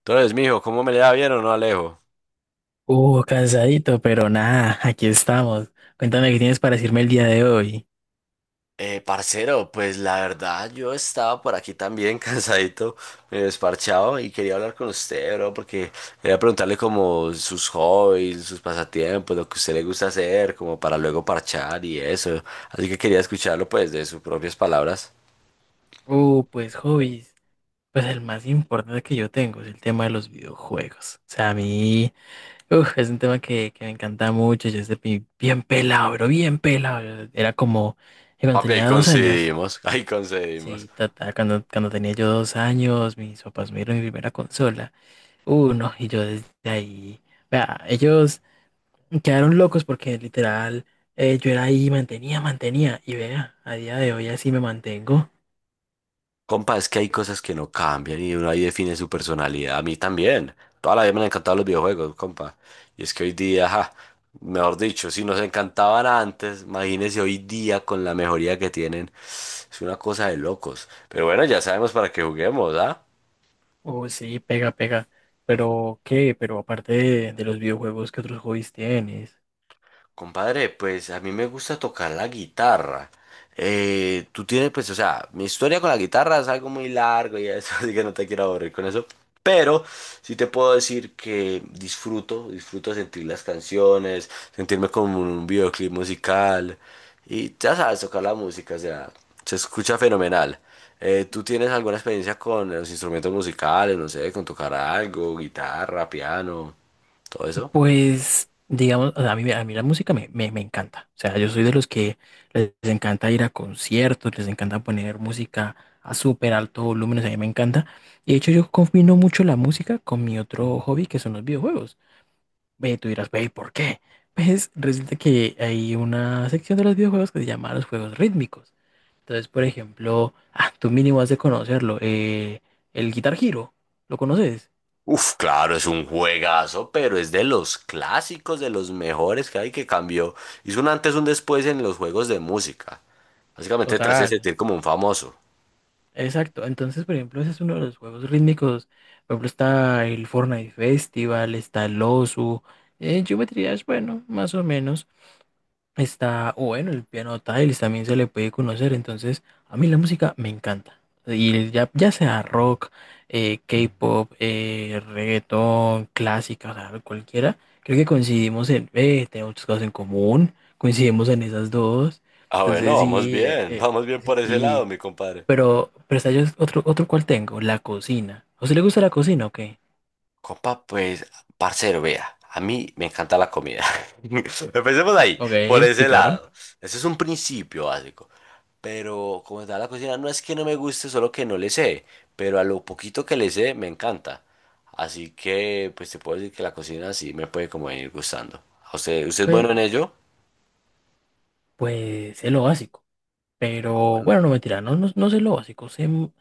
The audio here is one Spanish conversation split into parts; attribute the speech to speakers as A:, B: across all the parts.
A: Entonces, mijo, ¿cómo me le da bien o no, Alejo?
B: Cansadito, pero nada, aquí estamos. Cuéntame qué tienes para decirme el día de hoy.
A: Parcero, pues la verdad yo estaba por aquí también cansadito, me desparchado y quería hablar con usted, bro, porque quería preguntarle como sus hobbies, sus pasatiempos, lo que a usted le gusta hacer, como para luego parchar y eso. Así que quería escucharlo pues de sus propias palabras.
B: Pues hobbies. Pues el más importante que yo tengo es el tema de los videojuegos. O sea, a mí, es un tema que me encanta mucho. Yo desde bien pelado, pero bien pelado. Yo era como que cuando
A: Papi, ahí
B: tenía dos años.
A: coincidimos, ahí coincidimos.
B: Sí, tata, cuando tenía yo dos años, mis papás me dieron mi primera consola. No, y yo desde ahí. Vea, ellos quedaron locos porque literal, yo era ahí, mantenía. Y vea, a día de hoy así me mantengo.
A: Compa, es que hay cosas que no cambian y uno ahí define su personalidad. A mí también. Toda la vida me han encantado los videojuegos, compa. Y es que hoy día, ja, mejor dicho, si nos encantaban antes, imagínense hoy día con la mejoría que tienen. Es una cosa de locos. Pero bueno, ya sabemos para qué juguemos, ¿ah?
B: Oh, sí, pega, pega. Pero ¿qué? Pero aparte de los videojuegos, ¿qué otros hobbies tienes?
A: Compadre, pues a mí me gusta tocar la guitarra. Tú tienes, pues, o sea, mi historia con la guitarra es algo muy largo y eso, así que no te quiero aburrir con eso. Pero sí te puedo decir que disfruto sentir las canciones, sentirme como en un videoclip musical. Y ya sabes, tocar la música, o sea, se escucha fenomenal. ¿Tú tienes alguna experiencia con los instrumentos musicales, no sé, con tocar algo, guitarra, piano, todo eso?
B: Pues, digamos, o sea, a mí la música me encanta. O sea, yo soy de los que les encanta ir a conciertos, les encanta poner música a súper alto volumen, o sea, a mí me encanta. Y de hecho yo combino mucho la música con mi otro hobby, que son los videojuegos. Ve, y tú dirás, ve, ¿por qué? Pues resulta que hay una sección de los videojuegos que se llama los juegos rítmicos. Entonces, por ejemplo, ah, tú mínimo has de conocerlo, el Guitar Hero, ¿lo conoces?
A: Uf, claro, es un juegazo, pero es de los clásicos, de los mejores que hay que cambió. Hizo un antes, un después en los juegos de música. Básicamente te hace
B: Total,
A: sentir como un famoso.
B: exacto. Entonces, por ejemplo, ese es uno de los juegos rítmicos. Por ejemplo, está el Fortnite Festival, está el Osu. Geometry Dash, bueno, más o menos. Está, o bueno, el piano tiles también se le puede conocer, entonces a mí la música me encanta. Y ya, ya sea rock, K-pop, reggaetón, clásica, o sea, cualquiera, creo que coincidimos en, tenemos muchas cosas en común, coincidimos en esas dos,
A: Ah,
B: entonces
A: bueno, vamos
B: sí,
A: bien, vamos bien
B: sí,
A: por ese lado,
B: sí.
A: mi compadre.
B: Pero está yo otro, otro cual tengo, la cocina. ¿A usted le gusta la cocina o qué?
A: Copa, pues, parcero, vea, a mí me encanta la comida. Empecemos ahí,
B: Ok,
A: por
B: sí,
A: ese
B: claro.
A: lado. Ese es un principio básico. Pero como tal, la cocina no es que no me guste, solo que no le sé. Pero a lo poquito que le sé, me encanta. Así que, pues, te puedo decir que la cocina sí me puede como venir gustando. ¿A usted es bueno
B: Pues,
A: en ello?
B: pues es lo básico.
A: Ah,
B: Pero
A: bueno.
B: bueno, no mentira, no, no, no sé lo básico,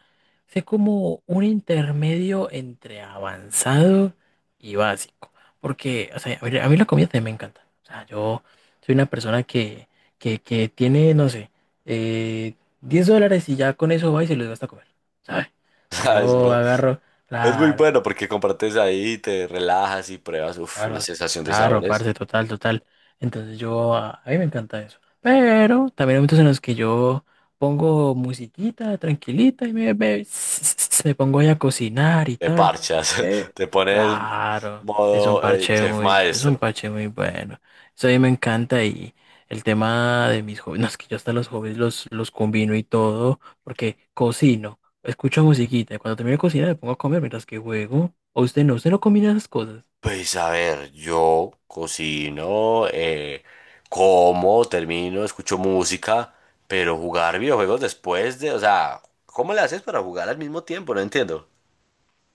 B: sé como un intermedio entre avanzado y básico. Porque, o sea, a ver, a mí la comida también me encanta. O sea, yo soy una persona que tiene, no sé, eh, $10 y ya con eso va y se los gasta a comer, ¿sabes? O sea,
A: ¿Sabes,
B: yo
A: bro?
B: agarro,
A: Es muy
B: claro,
A: bueno porque compartes ahí, te relajas y pruebas, uf, una
B: claro,
A: sensación de
B: claro,
A: sabores.
B: parce, total, total. Entonces yo, a mí me encanta eso. Pero también hay momentos en los que yo pongo musiquita tranquilita me pongo ahí a cocinar y
A: Te
B: tal.
A: parchas,
B: Eh,
A: te pones
B: claro, es un
A: modo
B: parche
A: chef
B: muy, es un
A: maestro.
B: parche muy bueno. Eso a mí me encanta y el tema de mis hobbies, no, es que yo hasta los hobbies los combino y todo, porque cocino, escucho musiquita y cuando termino de cocinar me pongo a comer mientras que juego. ¿O usted no? ¿Usted no combina esas cosas?
A: Pues a ver, yo cocino, como, termino, escucho música, pero jugar videojuegos después de, o sea, ¿cómo le haces para jugar al mismo tiempo? No entiendo.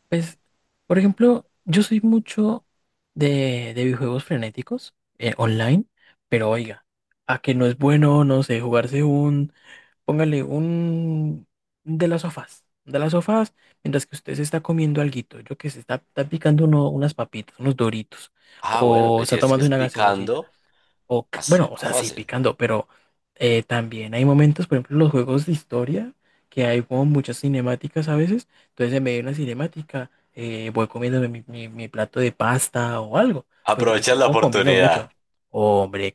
B: Pues, por ejemplo, yo soy mucho de videojuegos frenéticos, online, pero oiga, a que no es bueno, no sé, jugarse un, póngale un de las sofás, mientras que usted se está comiendo alguito, yo que se está, está picando unas papitas, unos doritos,
A: Ah, bueno,
B: o
A: pues si
B: está
A: es que
B: tomando
A: es
B: una gaseosita.
A: picando, así
B: Bueno,
A: es
B: o
A: más
B: sea, sí,
A: fácil.
B: picando, pero, también hay momentos, por ejemplo, en los juegos de historia, que hay como muchas cinemáticas a veces. Entonces, en medio de una cinemática, voy comiéndome mi plato de pasta o algo. Pues yo,
A: Aprovechas la
B: yo combino
A: oportunidad.
B: mucho. Hombre,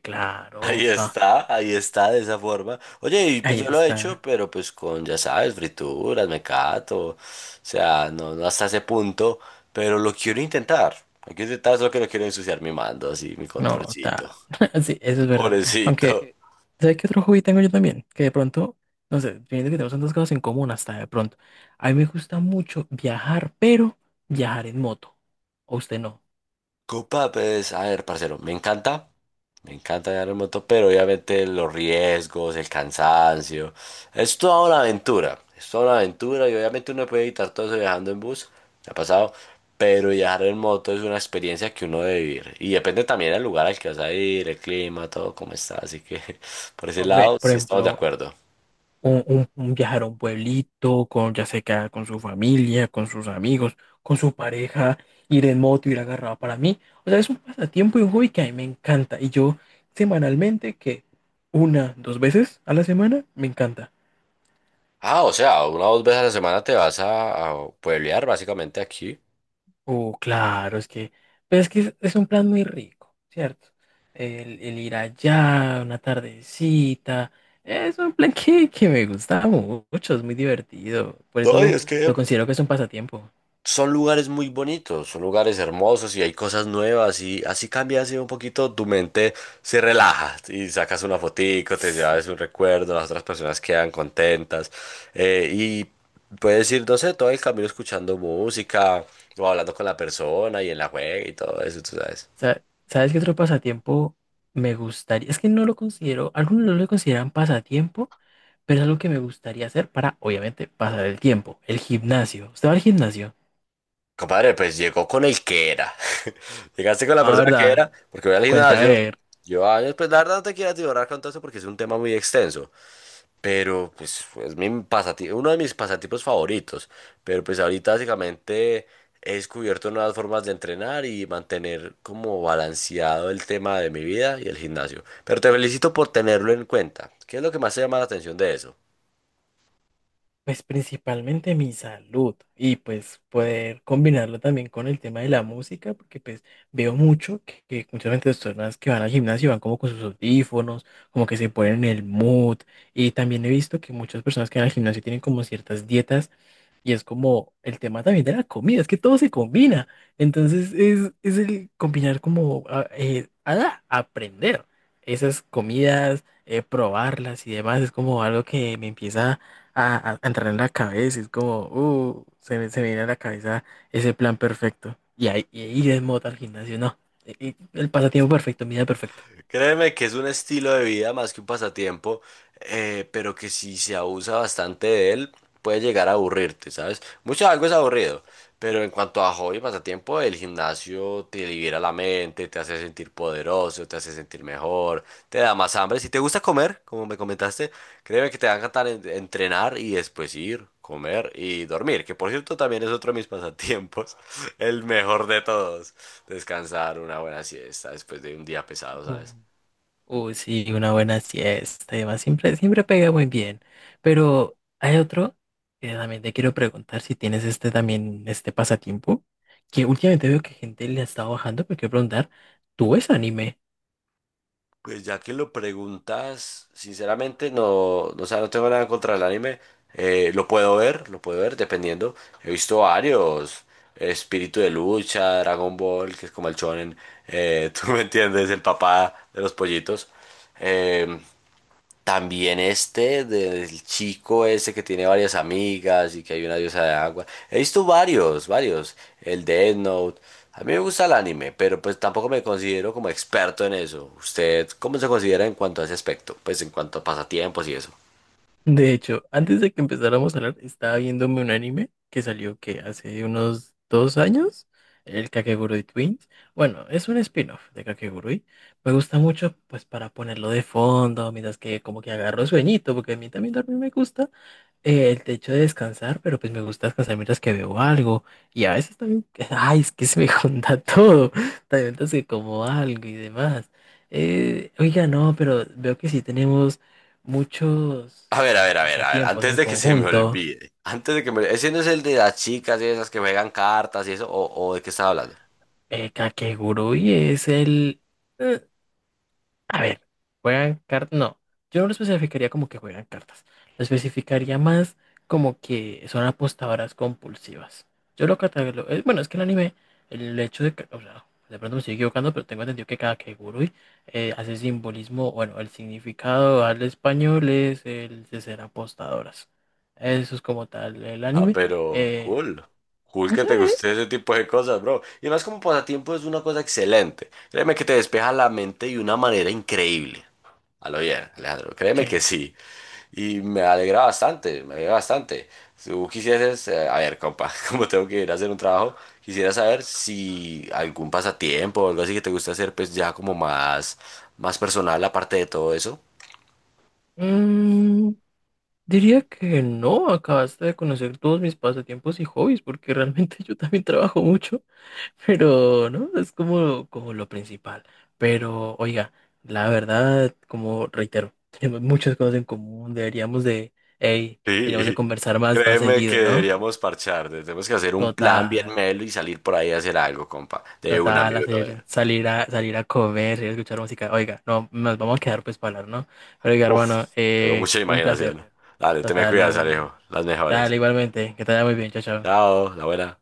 B: claro, ah,
A: Ahí está de esa forma. Oye, y pues
B: ahí
A: yo lo he hecho,
B: está.
A: pero pues con, ya sabes, frituras, mecato, o sea, no, no hasta ese punto, pero lo quiero intentar. Lo quiero intentar, solo que no quiero ensuciar mi mando, así, mi
B: No,
A: controlcito.
B: está. Sí, eso es verdad.
A: Pobrecito.
B: Aunque, ¿sabes qué otro hobby tengo yo también? Que de pronto, no sé, viendo que tenemos tantas cosas en común hasta de pronto. A mí me gusta mucho viajar, pero viajar en moto. ¿O usted no?
A: Copa, pues, a ver, parcero, me encanta. Me encanta viajar en moto, pero obviamente los riesgos, el cansancio, es toda una aventura, es toda una aventura y obviamente uno puede evitar todo eso viajando en bus, me ha pasado, pero viajar en moto es una experiencia que uno debe vivir y depende también del lugar al que vas a ir, el clima, todo cómo está, así que por ese
B: Hombre,
A: lado
B: por
A: sí estamos de
B: ejemplo,
A: acuerdo.
B: un viajar a un pueblito, con, ya sea que con su familia, con sus amigos, con su pareja, ir en moto, ir agarrado para mí. O sea, es un pasatiempo y un hobby que a mí me encanta. Y yo semanalmente, que una, dos veces a la semana, me encanta.
A: Ah, o sea, una o dos veces a la semana te vas a pueblear básicamente aquí.
B: Oh, claro, es que, pero es que es un plan muy rico, ¿cierto? El ir allá, una tardecita, es un plan que me gusta mucho, es muy divertido. Por
A: No, y
B: eso
A: es que
B: lo considero que es un pasatiempo.
A: son lugares muy bonitos, son lugares hermosos y hay cosas nuevas y así cambias así un poquito tu mente, se relaja y sacas una fotico, te
B: Sí.
A: llevas un recuerdo, las otras personas quedan contentas y puedes ir, no sé, todo el camino escuchando música o hablando con la persona y en la juega y todo eso, tú sabes.
B: ¿Sabes qué otro pasatiempo me gustaría? Es que no lo considero, algunos no lo consideran pasatiempo, pero es algo que me gustaría hacer para, obviamente, pasar el tiempo. El gimnasio. ¿Usted va al gimnasio?
A: Compadre, pues llegó con el que era. Llegaste con la
B: Ah,
A: persona que
B: ¿verdad?
A: era, porque voy al
B: Cuente a
A: gimnasio.
B: ver.
A: Yo, años, pues la verdad no te quiero atiborrar con todo eso porque es un tema muy extenso. Pero pues es mi uno de mis pasatiempos favoritos. Pero pues ahorita básicamente he descubierto nuevas formas de entrenar y mantener como balanceado el tema de mi vida y el gimnasio. Pero te felicito por tenerlo en cuenta. ¿Qué es lo que más te llama la atención de eso?
B: Pues principalmente mi salud y pues poder combinarlo también con el tema de la música, porque pues veo mucho que muchas veces las personas que van al gimnasio van como con sus audífonos, como que se ponen en el mood. Y también he visto que muchas personas que van al gimnasio tienen como ciertas dietas. Y es como el tema también de la comida, es que todo se combina. Entonces es el combinar como aprender esas comidas, probarlas y demás. Es como algo que me empieza a entrar en la cabeza. Es como, se me viene a la cabeza ese plan perfecto. Y ahí y ir en moto al gimnasio, no. El pasatiempo perfecto, mi día perfecto.
A: Créeme que es un estilo de vida más que un pasatiempo, pero que si se abusa bastante de él, puede llegar a aburrirte, ¿sabes? Mucho algo es aburrido, pero en cuanto a hobby y pasatiempo, el gimnasio te libera la mente, te hace sentir poderoso, te hace sentir mejor, te da más hambre. Si te gusta comer, como me comentaste, créeme que te va a encantar entrenar y después ir, comer y dormir, que por cierto también es otro de mis pasatiempos, el mejor de todos. Descansar una buena siesta después de un día pesado, ¿sabes?
B: Uy, sí, una buena siesta y demás, siempre, siempre pega muy bien. Pero hay otro que también te quiero preguntar si tienes este también, este pasatiempo, que últimamente veo que gente le ha estado bajando, pero quiero preguntar, ¿tú ves anime?
A: Pues ya que lo preguntas, sinceramente no, no, o sea, no tengo nada contra el anime. Lo puedo ver, lo puedo ver, dependiendo. He visto varios. Espíritu de lucha, Dragon Ball, que es como el shonen. Tú me entiendes, el papá de los pollitos. Eh, También este del chico ese que tiene varias amigas y que hay una diosa de agua. He visto varios. El de Death Note. A mí me gusta el anime, pero pues tampoco me considero como experto en eso. ¿Usted cómo se considera en cuanto a ese aspecto? Pues en cuanto a pasatiempos y eso.
B: De hecho, antes de que empezáramos a hablar, estaba viéndome un anime que salió que hace unos dos años, el Kakegurui Twins. Bueno, es un spin-off de Kakegurui. Me gusta mucho, pues, para ponerlo de fondo, mientras que como que agarro sueñito, porque a mí también dormir me gusta. El hecho de descansar, pero pues me gusta descansar mientras que veo algo. Y a veces también, ay, es que se me junta todo. También mientras que como algo y demás. Oiga, no, pero veo que sí tenemos muchos como
A: A ver.
B: pasatiempos
A: Antes
B: en
A: de que se me
B: conjunto.
A: olvide. Antes de que me... Ese no es el de las chicas y esas que juegan cartas y eso. O de qué estaba hablando?
B: Kakegurui es el... eh, a ver, juegan cartas. No, yo no lo especificaría como que juegan cartas. Lo especificaría más como que son apostadoras compulsivas. Yo lo catalogo. Bueno, es que el anime, el hecho de que. O sea, de pronto me estoy equivocando, pero tengo entendido que cada Kagurui hace simbolismo. Bueno, el significado al español es el de ser apostadoras. Eso es como tal el
A: Ah,
B: anime.
A: pero
B: Eh,
A: cool. Cool que
B: sí,
A: te guste ese tipo de cosas, bro. Y más como pasatiempo es una cosa excelente. Créeme que te despeja la mente de una manera increíble. A lo bien, Alejandro. Créeme
B: sí.
A: que sí. Y me alegra me alegra bastante. Si tú quisieses, a ver, compa, como tengo que ir a hacer un trabajo, quisiera saber si algún pasatiempo o algo así que te gusta hacer, pues ya como más personal aparte de todo eso.
B: Mm, diría que no, acabaste de conocer todos mis pasatiempos y hobbies, porque realmente yo también trabajo mucho, pero no, es como, como lo principal. Pero, oiga, la verdad, como reitero, tenemos muchas cosas en común, deberíamos de, hey, deberíamos de
A: Sí,
B: conversar más, más
A: créeme que
B: seguido, ¿no?
A: deberíamos parchar, tenemos que hacer un plan bien
B: Total,
A: melo y salir por ahí a hacer algo, compa, de una,
B: total,
A: mi
B: hacer,
A: brother.
B: salir a, salir a comer, ir a escuchar música. Oiga, no, nos vamos a quedar pues para hablar, ¿no? Pero, oiga,
A: Uf,
B: hermano,
A: tengo mucha
B: un placer,
A: imaginación. Dale, te me
B: total,
A: cuidas,
B: un...
A: Alejo, las mejores.
B: Dale, igualmente, que te vaya muy bien, chao, chao.
A: Chao, la buena.